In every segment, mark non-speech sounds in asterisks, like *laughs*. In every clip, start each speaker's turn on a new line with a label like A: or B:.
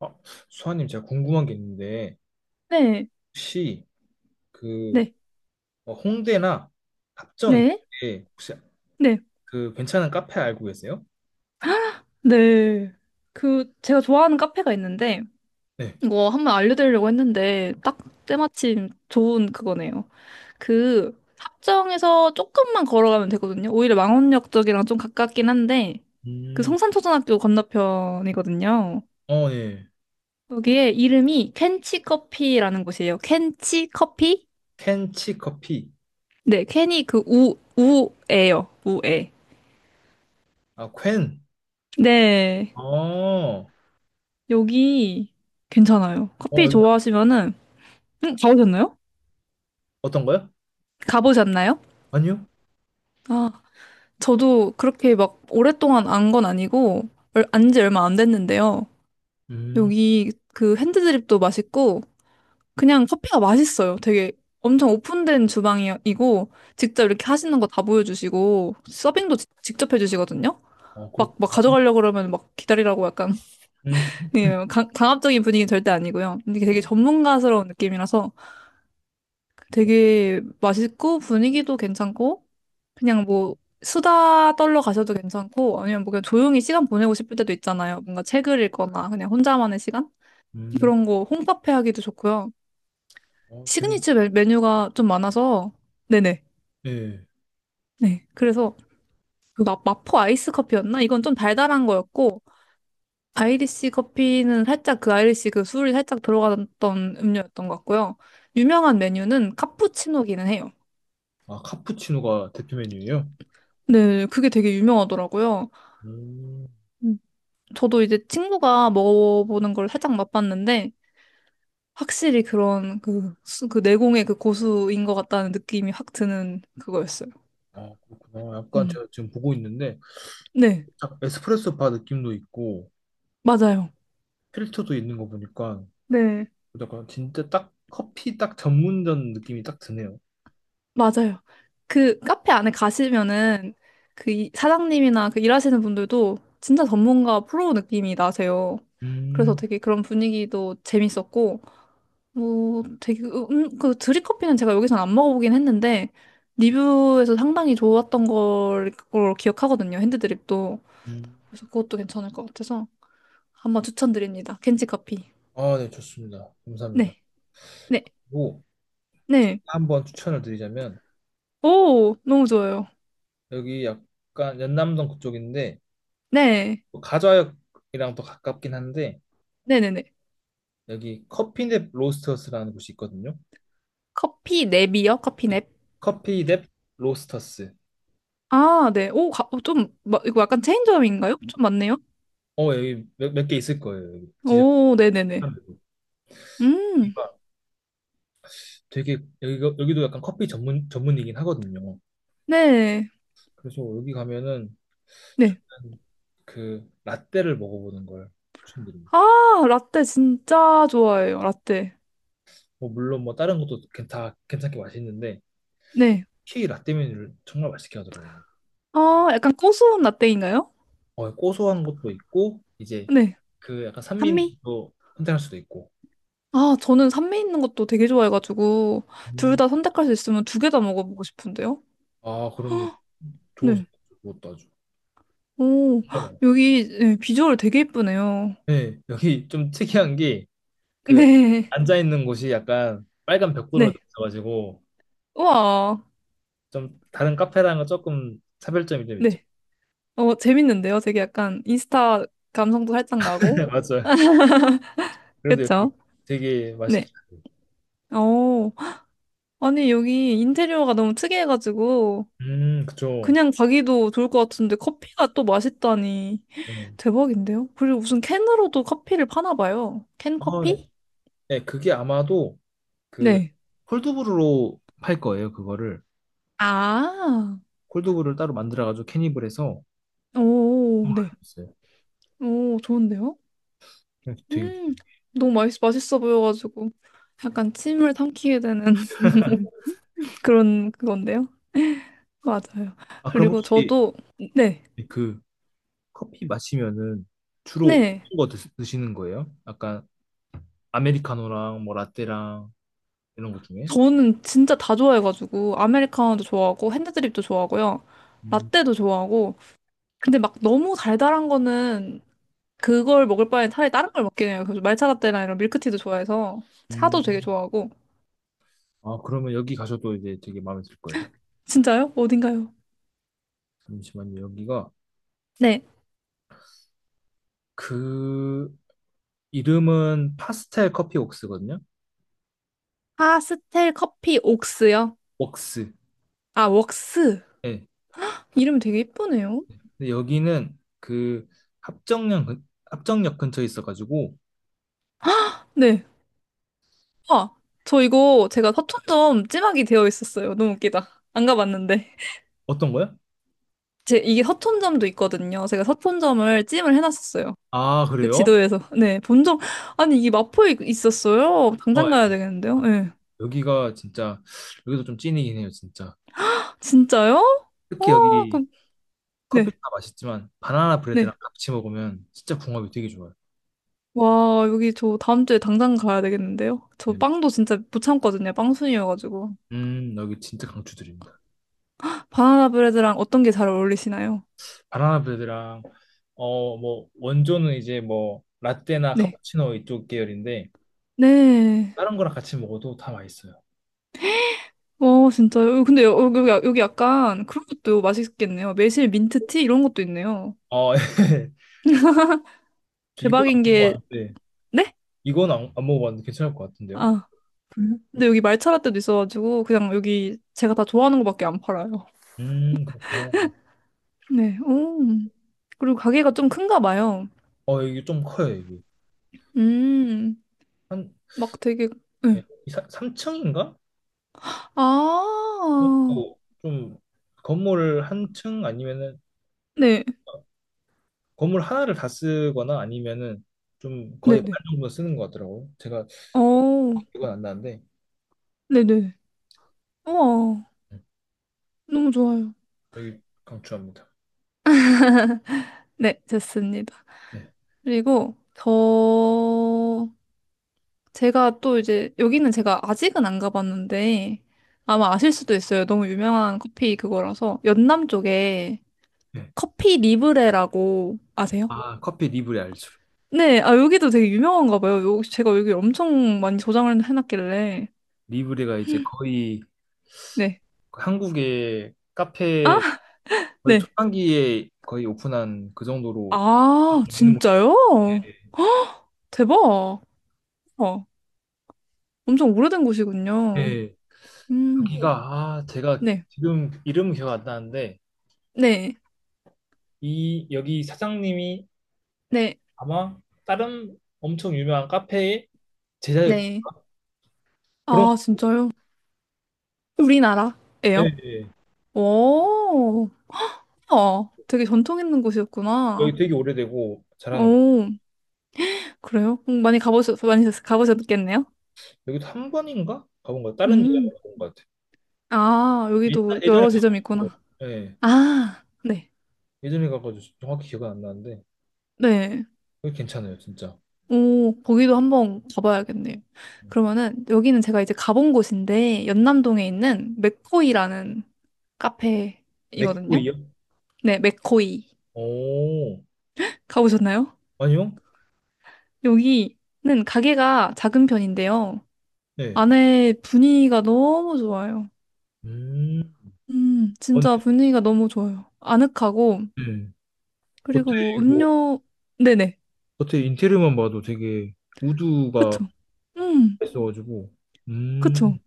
A: 아, 수아님, 제가 궁금한 게 있는데,
B: 네,
A: 혹시 그
B: 네,
A: 홍대나 합정
B: 네,
A: 이쪽에 혹시
B: 네,
A: 그 괜찮은 카페 알고 계세요?
B: 네. 그, 제가 좋아하는 카페가 있는데,
A: 네.
B: 이거 한번 알려드리려고 했는데, 딱 때마침 좋은 그거네요. 그, 합정에서 조금만 걸어가면 되거든요. 오히려 망원역 쪽이랑 좀 가깝긴 한데, 그
A: 음,
B: 성산초등학교 건너편이거든요.
A: 어, 네.
B: 여기에 이름이 켄치 커피라는 곳이에요. 켄치 커피?
A: 켄치 커피.
B: 네, 켄이 그 우, 우에요. 우에.
A: 아, 퀸.
B: 네,
A: 어, 어,
B: 여기 괜찮아요. 커피
A: 여기
B: 좋아하시면은, 응, 가보셨나요?
A: 어떤거요?
B: 가보셨나요?
A: 아니요.
B: 아, 저도 그렇게 막 오랫동안 안 건 아니고, 안 지 얼마 안 됐는데요.
A: 음,
B: 여기 그 핸드드립도 맛있고, 그냥 커피가 맛있어요. 되게 엄청 오픈된 주방이고, 직접 이렇게 하시는 거 다 보여주시고, 서빙도 직접 해주시거든요?
A: 어,
B: 막, 막
A: 그렇구나.
B: 가져가려고 그러면 막 기다리라고 약간,
A: 음,
B: *laughs* 예, 강압적인 분위기는 절대 아니고요. 이게 되게 전문가스러운 느낌이라서 되게 맛있고, 분위기도 괜찮고, 그냥 뭐 수다 떨러 가셔도 괜찮고 아니면 뭐 그냥 조용히 시간 보내고 싶을 때도 있잖아요. 뭔가 책을 읽거나 그냥 혼자만의 시간?
A: 음,
B: 그런 거 홈카페 하기도 좋고요.
A: 어, 되게,
B: 시그니처 메뉴가 좀 많아서 네네.
A: 네.
B: 네. 그래서 그 마포 아이스 커피였나? 이건 좀 달달한 거였고 아이리시 커피는 살짝 그 아이리시 그 술이 살짝 들어갔던 음료였던 것 같고요. 유명한 메뉴는 카푸치노기는 해요.
A: 아, 카푸치노가 대표 메뉴예요?
B: 네, 그게 되게 유명하더라고요.
A: 음,
B: 음, 저도 이제 친구가 먹어보는 걸 살짝 맛봤는데 확실히 그런 그, 그 내공의 그 고수인 것 같다는 느낌이 확 드는 그거였어요.
A: 아, 그렇구나. 약간
B: 음.
A: 제가 지금 보고 있는데,
B: 네,
A: 딱 에스프레소 바 느낌도 있고,
B: 맞아요.
A: 필터도 있는 거 보니까
B: 네,
A: 약간 진짜 딱 커피 딱 전문점 느낌이 딱 드네요.
B: 맞아요. 그 카페 안에 가시면은 그 사장님이나 그 일하시는 분들도 진짜 전문가 프로 느낌이 나세요. 그래서
A: 음,
B: 되게 그런 분위기도 재밌었고, 뭐 되게, 그, 그 드립커피는 제가 여기서는 안 먹어보긴 했는데, 리뷰에서 상당히 좋았던 걸 기억하거든요. 핸드드립도.
A: 음.
B: 그래서 그것도 괜찮을 것 같아서. 한번 추천드립니다. 켄지 커피.
A: 아, 네, 좋습니다. 감사합니다.
B: 네, 네,
A: 그리고 제가
B: 네.
A: 한번 추천을 드리자면
B: 오, 너무 좋아요.
A: 여기 약간 연남동 그쪽인데
B: 네,
A: 뭐 가좌역이랑 또 가깝긴 한데
B: 네네네.
A: 여기 커피넵 로스터스라는 곳이 있거든요.
B: 커피 냅이요? 커피
A: 네.
B: 냅?
A: 커피넵 로스터스.
B: 아, 네. 오, 좀, 이거 약간 체인점인가요? 좀 맞네요?
A: 어, 여기 몇 개 있을 거예요. 여기 진짜
B: 오, 네네네. 음,
A: 여기가 되게 여기도 약간 커피 전문 전문이긴 하거든요.
B: 네,
A: 그래서 여기 가면은
B: 네.
A: 저는 그 라떼를 먹어보는 걸 추천드립니다.
B: 아, 라떼 진짜 좋아해요, 라떼.
A: 뭐 물론 뭐 다른 것도 다 괜찮게 맛있는데
B: 네.
A: 특히 라떼 메뉴를 정말 맛있게 하더라고요.
B: 아, 약간 고소한 라떼인가요?
A: 어, 고소한 것도 있고 이제
B: 네.
A: 그 약간
B: 산미?
A: 산미도 선택할 수도 있고.
B: 아, 저는 산미 있는 것도 되게 좋아해가지고, 둘
A: 음.
B: 다 선택할 수 있으면 2개 다 먹어보고 싶은데요?
A: 아 그럼 좋은
B: 네.
A: 것도 아주
B: 오,
A: 정말 맛있어요.
B: 여기 네, 비주얼 되게 예쁘네요.
A: 네, 여기 좀 특이한 게
B: *laughs*
A: 그
B: 네,
A: 앉아 있는 곳이 약간 빨간 벽돌로 돼
B: 네.
A: 있어가지고
B: 우와,
A: 좀 다른 카페랑은 조금 차별점이 좀 있죠.
B: 네. 어, 재밌는데요? 되게 약간 인스타 감성도 살짝
A: *laughs*
B: 나고.
A: 맞아요. 그래도 여기
B: 그쵸?
A: 되게
B: 네.
A: 맛있게.
B: 어, 아니, 여기 인테리어가 너무 특이해가지고,
A: 그쵸.
B: 그냥 가기도 좋을 것 같은데, 커피가 또 맛있다니.
A: 네.
B: 대박인데요? 그리고 무슨 캔으로도 커피를 파나 봐요. 캔
A: 아,
B: 커피?
A: 네, 그게 아마도 그
B: 네.
A: 콜드브루로 팔 거예요, 그거를.
B: 아,
A: 콜드브루를 따로 만들어가지고 캐닙을 해서
B: 오, 네.
A: 있어요.
B: 오, 좋은데요?
A: 네, 되게.
B: 음, 너무 맛있어 보여가지고 약간 침을 삼키게 되는 *laughs* 그런 그건데요. 맞아요.
A: 아, 그럼
B: 그리고
A: 혹시
B: 저도 네,
A: 그 커피 마시면은 주로
B: 네.
A: 어떤 거 드시는 거예요? 약간 아메리카노랑 뭐 라떼랑 이런 것 중에?
B: 저는 진짜 다 좋아해가지고 아메리카노도 좋아하고 핸드드립도 좋아하고요.
A: 음,
B: 라떼도 좋아하고 근데 막 너무 달달한 거는 그걸 먹을 바에 차라리 다른 걸 먹긴 해요. 그래서 말차 라떼나 이런 밀크티도 좋아해서
A: 음.
B: 차도 되게 좋아하고
A: 아, 그러면 여기 가셔도 이제 되게 마음에 들 거예요.
B: 진짜요? 어딘가요?
A: 잠시만요. 여기가
B: 네.
A: 그 이름은 파스텔 커피 웍스거든요.
B: 파스텔 커피 옥스요?
A: 웍스.
B: 아, 웍스.
A: 예.
B: 이름 되게 예쁘네요.
A: 근데 여기는 그 합정역 근처에 있어가지고
B: 네. 아, 저 이거 제가 서촌점 찜하기 되어 있었어요. 너무 웃기다. 안 가봤는데.
A: 어떤 거야?
B: 제 이게 서촌점도 있거든요. 제가 서촌점을 찜을 해놨었어요.
A: 아
B: 그
A: 그래요?
B: 지도에서. 네, 본 적, 아니, 이게 마포에 있었어요.
A: 어,
B: 당장 가야
A: 예.
B: 되겠는데요? 네.
A: 여기가 진짜 여기도 좀 찐이긴 해요 진짜.
B: 진짜요?
A: 특히
B: 와,
A: 여기
B: 그럼, 네,
A: 커피도 맛있지만 바나나 브레드랑
B: 네.
A: 같이 먹으면 진짜 궁합이 되게 좋아요.
B: 와, 여기 저 다음 주에 당장 가야 되겠는데요? 저
A: 네.
B: 빵도 진짜 못 참거든요. 빵순이여가지고.
A: 음, 여기 진짜 강추드립니다.
B: 바나나 브레드랑 어떤 게 잘 어울리시나요?
A: 바나나 브레드랑 뭐 원조는 이제 뭐 라떼나
B: 네.
A: 카푸치노 이쪽 계열인데
B: 네.
A: 다른 거랑 같이 먹어도 다 맛있어요.
B: 어, 진짜요? 어, 근데 여기 약간 그런 것도 맛있겠네요. 매실 민트티 이런 것도 있네요.
A: 어, *laughs* 저 이건 안
B: 대박인 게,
A: 먹어봤는데
B: 네?
A: 이건 안 먹어봤는데 괜찮을 것 같은데요?
B: 아, 그래요? 근데 여기 말차라떼도 있어가지고 그냥 여기 제가 다 좋아하는 것밖에 안 팔아요.
A: 그렇구나.
B: 네, 오. 그리고 가게가 좀 큰가 봐요.
A: 어, 이게 좀 커요, 이게.
B: 음,
A: 한,
B: 막 되게,
A: 예,
B: 네.
A: 3층인가?
B: 아,
A: 또 좀, 건물 한 층 아니면은,
B: 네,
A: 어, 건물 하나를 다 쓰거나 아니면은, 좀 거의 반
B: 네네.
A: 정도 쓰는 것 같더라고요. 제가
B: 어,
A: 이건 안 나는데,
B: 네네. 우와,
A: 음,
B: 너무 좋아요.
A: 여기 강추합니다.
B: 네, 됐습니다.
A: 네.
B: 그리고 제가 또 이제 여기는 제가 아직은 안 가봤는데 아마 아실 수도 있어요. 너무 유명한 커피 그거라서 연남 쪽에
A: 네.
B: 커피 리브레라고 아세요?
A: 아, 커피 리브레 알죠.
B: 네, 아 여기도 되게 유명한가 봐요. 제가 여기 엄청 많이 저장을 해놨길래
A: 리브레가 이제 거의
B: 네,
A: 한국의
B: 아,
A: 카페 거의
B: 네,
A: 초창기에 거의 오픈한 그 정도로
B: 아
A: 있는 곳이죠.
B: 진짜요? *gasps* 대박. 어, 엄청 오래된
A: 네.
B: 곳이군요.
A: 네.
B: 음,
A: 여기가 네. 아, 제가
B: 네,
A: 지금 이름 기억 안 나는데
B: 네,
A: 이 여기 사장님이
B: 네,
A: 아마 다른 엄청 유명한 카페의 제자였던
B: 네.
A: 그런.
B: 아 진짜요?
A: 예,
B: 우리나라예요?
A: 예.
B: 오. 어, 되게 전통 있는
A: 여기
B: 곳이었구나.
A: 되게 오래되고 잘하는 곳.
B: 오, 그래요? 많이 가보셨겠네요?
A: 여기도 한 번인가 가본 거 다른 데가
B: 음,
A: 가본 것 같아요.
B: 아, 여기도
A: 예전에
B: 여러 지점이
A: 가가지고.
B: 있구나.
A: 예.
B: 아, 네.
A: 예전에 가가지고 정확히 기억은 안 나는데
B: 네.
A: 여기 괜찮아요, 진짜.
B: 오, 거기도 한번 가봐야겠네요. 그러면은, 여기는 제가 이제 가본 곳인데, 연남동에 있는 맥코이라는 카페이거든요?
A: 맥고이요?
B: 네, 맥코이.
A: 오.
B: 가보셨나요?
A: 아니요?
B: 여기는 가게가 작은 편인데요.
A: 네.
B: 안에 분위기가 너무 좋아요.
A: 음, 어, 네.
B: 진짜 분위기가 너무 좋아요. 아늑하고,
A: 네.
B: 그리고 뭐
A: 고테이고
B: 음료, 네네.
A: 겉에 인테리어만 봐도 되게 우드가
B: 그쵸. 음,
A: 있어가지고.
B: 그쵸.
A: 음,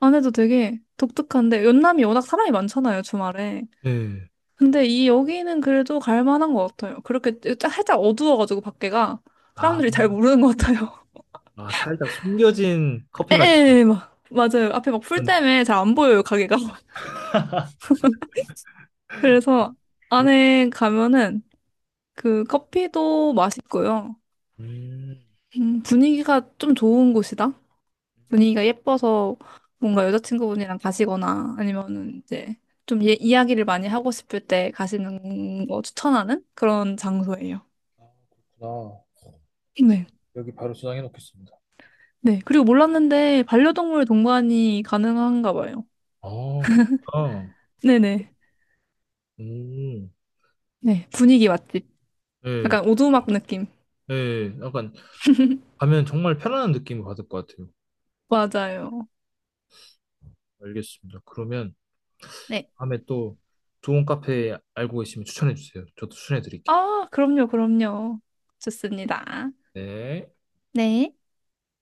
B: 안에도 되게 독특한데, 연남이 워낙 사람이 많잖아요, 주말에.
A: 네.
B: 근데 이 여기는 그래도 갈 만한 것 같아요. 그렇게 살짝 어두워가지고 밖에가
A: 아,
B: 사람들이 잘 모르는 것 같아요.
A: 아, 살짝 숨겨진
B: *laughs*
A: 커피 맛.
B: 에에, 막, 맞아요. 앞에 막 풀
A: 그런.
B: 때문에 잘 안 보여요, 가게가. *laughs* 그래서
A: 그런.
B: 안에 가면은 그 커피도 맛있고요.
A: 음.
B: 분위기가 좀 좋은 곳이다. 분위기가 예뻐서 뭔가 여자친구분이랑 가시거나 아니면은 이제 좀 예, 이야기를 많이 하고 싶을 때 가시는 거 추천하는 그런 장소예요.
A: 아, 그렇구나.
B: 네.
A: 여기 바로 저장해 놓겠습니다.
B: 네. 그리고 몰랐는데 반려동물 동반이 가능한가 봐요.
A: 아, 그렇구나.
B: 네네.
A: 음.
B: 네. 분위기 맛집.
A: 예,
B: 약간 오두막 느낌.
A: 예. 약간 가면 정말 편안한 느낌을 받을 것 같아요.
B: 맞아요.
A: 알겠습니다. 그러면
B: 네.
A: 다음에 또 좋은 카페 알고 계시면 추천해 주세요. 저도 추천해 드릴게요.
B: 아, 그럼요, 그럼요. 좋습니다.
A: 네.
B: 네.